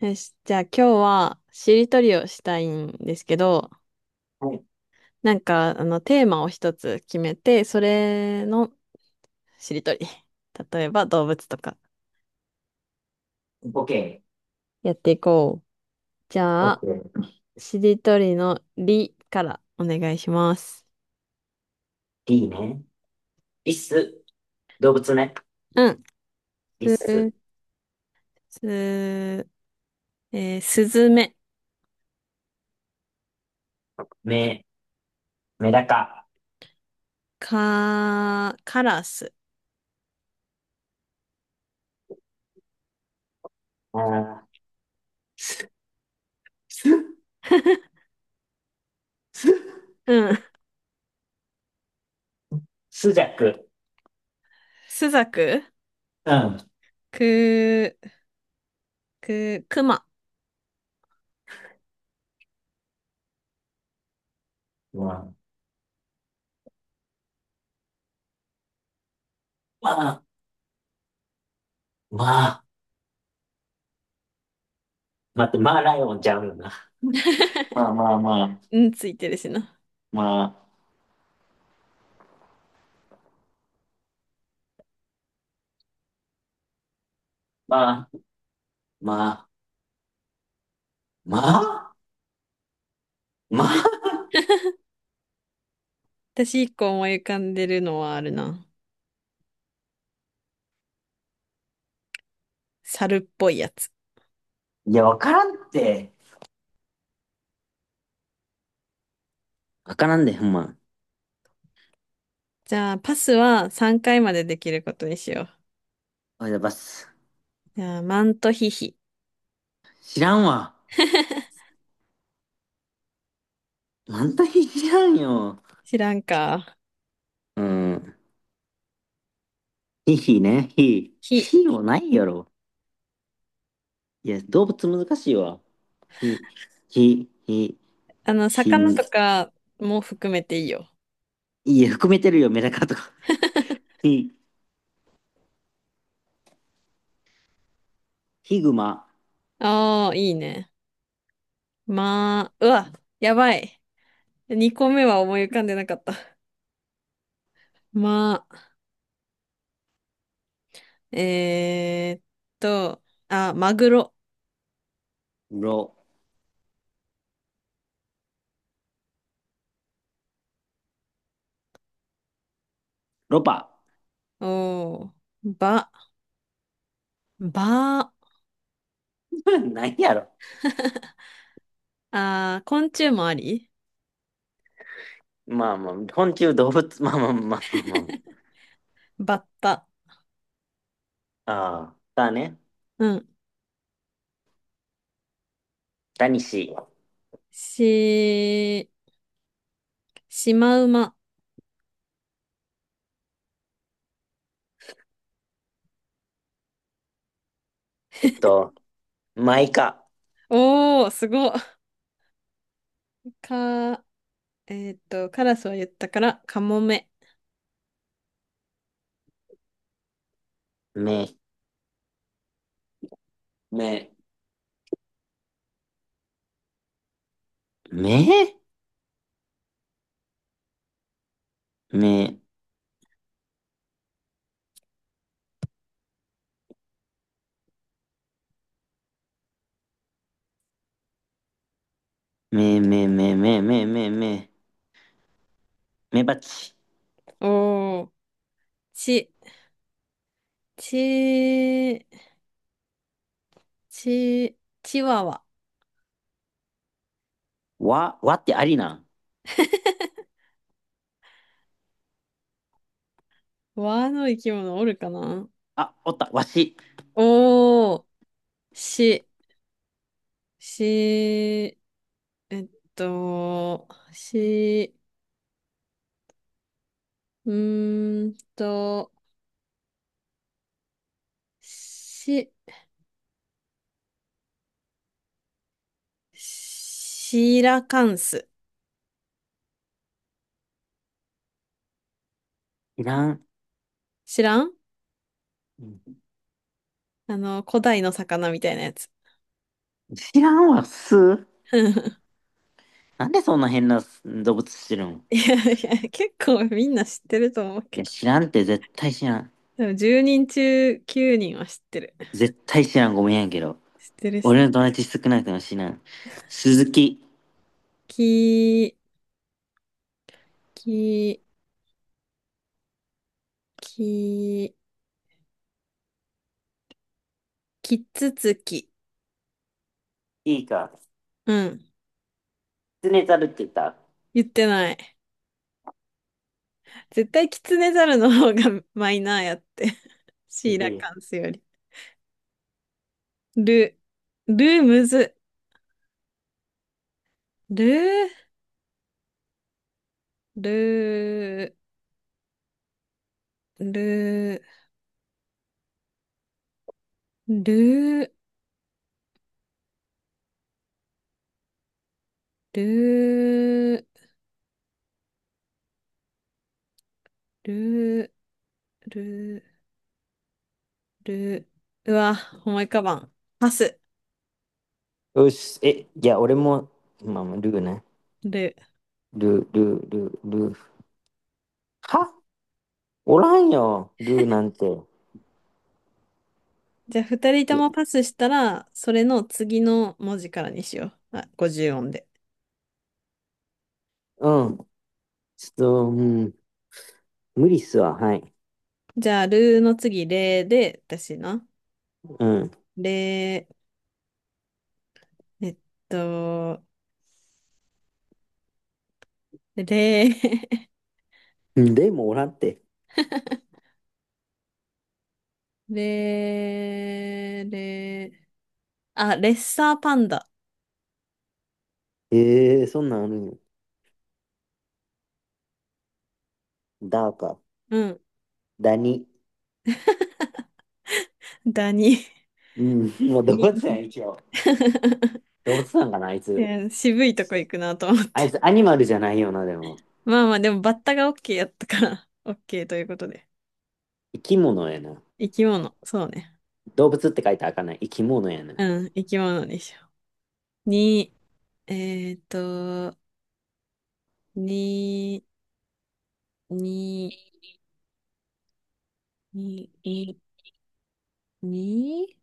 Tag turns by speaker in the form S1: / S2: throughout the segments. S1: よし、じゃあ今日はしりとりをしたいんですけど、
S2: はい、
S1: なんかテーマを一つ決めて、それのしりとり。例えば動物とか
S2: ボケ。
S1: やっていこう。じゃあ、
S2: OK。
S1: しりとりのりからお願いします。
S2: D ね。リス、動物ね。
S1: うん。
S2: リ
S1: す、
S2: ス、
S1: す、すずめ、
S2: メ、メダカ、
S1: か、カラス。
S2: あー、ス、ス
S1: うん。
S2: スジャク。
S1: すざく、
S2: うん。
S1: く、く、くま。
S2: まあ、まあ、まあ、待って、まあライオンちゃうよな。まあまあまあ、
S1: うん、ついてるしな。
S2: まあ、まあ、まあ、まあ、まあ。
S1: 私一個思い浮かんでるのはあるな。猿っぽいやつ。
S2: いや、わからんって。わからんで、ほんま。
S1: じゃあ、パスは3回までできることにしよう。
S2: おいだばす。
S1: じゃあ、マントヒヒ。
S2: 知らんわ。なんとひ知らんよ。
S1: 知らんか。
S2: うん。ひひね、ひ。
S1: ヒ。
S2: ひもないやろ。いや、動物難しいわ。ひ、ひ、ひ、
S1: 魚と
S2: ひ、
S1: かも含めていいよ。
S2: いや、含めてるよ、メダカとか。ひ、ヒグマ、
S1: ああ、いいね。まあ、うわ、やばい。2個目は思い浮かんでなかった。まあ、えーっと、あ、マグロ。
S2: ロ、ロパ。
S1: おー、ば、ば、
S2: 何やろ。
S1: あー、昆虫もあり、
S2: まあまあ、昆虫動物、まあまあまあまあま
S1: バッタ。
S2: あ。ああ、だね。
S1: うん。
S2: タニシ、
S1: し、シマウマ。
S2: えっと、マイカ、
S1: おー、すごっ。か、カラスは言ったから、カモメ。
S2: メ、メ、メ、メ、メ、メ、メ、メ、メ、メ、メ、メバチ。
S1: おー、ち、ち、ち、チワワ。
S2: わ、わってありなん？
S1: ワの生き物おるかな。
S2: あ、おった、わし。
S1: おー、し、し、っと、し、うーんと、し、シーラカンス。
S2: いらん。
S1: 知らん。古代の魚みたいなやつ。
S2: 知らんわ、す。なんでそんな変な動物してるん？
S1: いやいや、結構みんな知ってると思う
S2: い
S1: け
S2: や、
S1: ど。
S2: 知らんって、絶対知らん。
S1: でも10人中9人は知ってる。
S2: 絶対知らん、ごめんやけど。
S1: 知ってるし。
S2: 俺の友達少なくても知らん。鈴木。
S1: き、き、き、きつつき。
S2: いいか。
S1: うん。
S2: キツネザルって言った。
S1: 言ってない。絶対キツネザルの方がマイナーやって。
S2: う
S1: シーラ
S2: ん。
S1: カンスより。ル、ルむず。ル、ル、ル、ル、ル、ル、ル、ルー、うわ、思い浮かばん。パス。
S2: よし、いや、俺も、まあ、ルーね。
S1: ルー。
S2: ルー、ルー、ルー、ルー。は、おらんよ、ルーなんて。
S1: じゃあ、二人と
S2: いや、
S1: もパスしたら、それの次の文字からにしよう。あ、50音で。
S2: うん、ちょっと、うん、無理っすわ、はい。
S1: じゃあ、ルーの次、レーで、私な。
S2: うん。
S1: レー、と、レー、
S2: うんでもおらんって。
S1: レー、レー、あ、レッサーパンダ。
S2: ええー、そんなんあるんよ。ダーか、
S1: うん。
S2: ダニ。
S1: ダニ。
S2: うん、もう動物やん、一応。動物なんかな、あい
S1: い
S2: つ。
S1: や渋いとこ行くなと思っ
S2: あい
S1: て。
S2: つアニマルじゃないよな、でも。
S1: まあまあ、でもバッタが OK やったから、OK ということで。
S2: 生き物やな。
S1: 生き物、そうね。
S2: 動物って書いてあかんない？生き物やな。
S1: うん、生き物でしょ。に、えっと、に、に、に、に、に、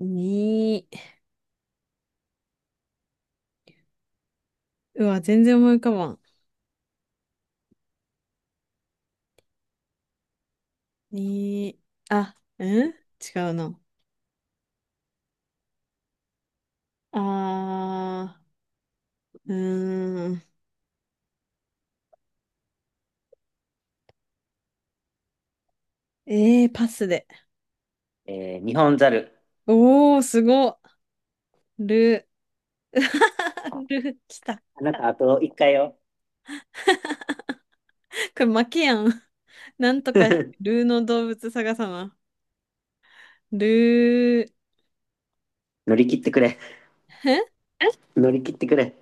S1: に、うわ、全然思い浮かばん。に、あ、うん違うな。あー、うーん。パスで。
S2: えー、日本ザル。
S1: おー、すごる。る、ル来た。こ
S2: あなた、あと1回よ。
S1: れ負けやん。なんとか、ルーの動物探さな。ル
S2: 乗り切ってくれ。
S1: ー、へ、
S2: 乗り切ってくれ。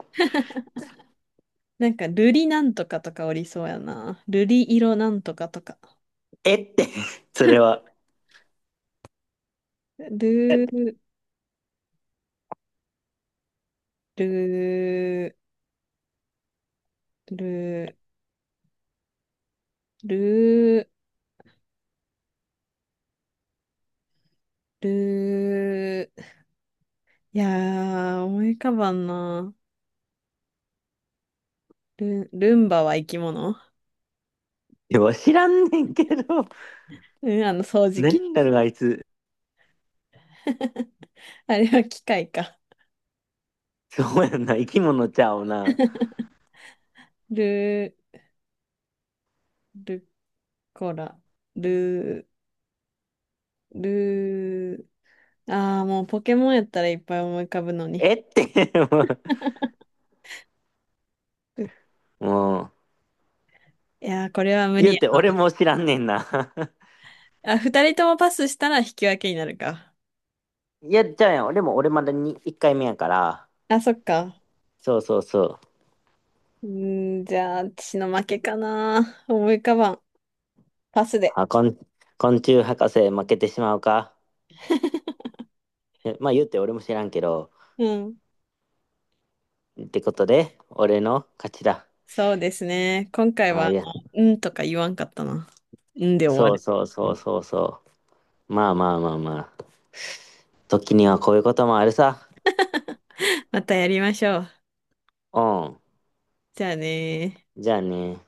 S1: なんか、瑠璃なんとかとかおりそうやな。瑠璃色なんとかとか。
S2: えって、それは。
S1: ルー、ルー、ルー、ルー、ルー。いやー、思い浮かばんな。ルン、ルンバは生き物、
S2: でも知らんねんけど、
S1: うん、あの掃除機。
S2: 何だろう、あいつ。
S1: あれは機械か。
S2: そうやんな、生き物ちゃうな。
S1: ルー、ルコラ、ルー、ルー。あー、もうポケモンやったらいっぱい思い浮かぶのに。
S2: えって、もう
S1: う、いやー、これは無理
S2: 言う
S1: や
S2: て
S1: な。
S2: 俺も知らんねんな。
S1: あ、二人ともパスしたら引き分けになるか。
S2: いや、ちゃうやん。俺も俺まだに1回目やから。
S1: あ、そっか。
S2: そうそうそう。
S1: うーん、じゃあ、私の負けかな。思い浮かばん。パスで。
S2: あ、昆虫博士負けてしまうか。え、まあ言うて俺も知らんけど。
S1: うん。
S2: ってことで、俺の勝ちだ。
S1: そうですね。今回
S2: ああ、
S1: は、
S2: いや、
S1: うんとか言わんかったな。うんで終わ
S2: そう
S1: る。
S2: そうそうそうそう。まあまあまあまあ。時にはこういうこともあるさ。
S1: またやりましょう。
S2: うん。
S1: じゃあねー。
S2: じゃあね。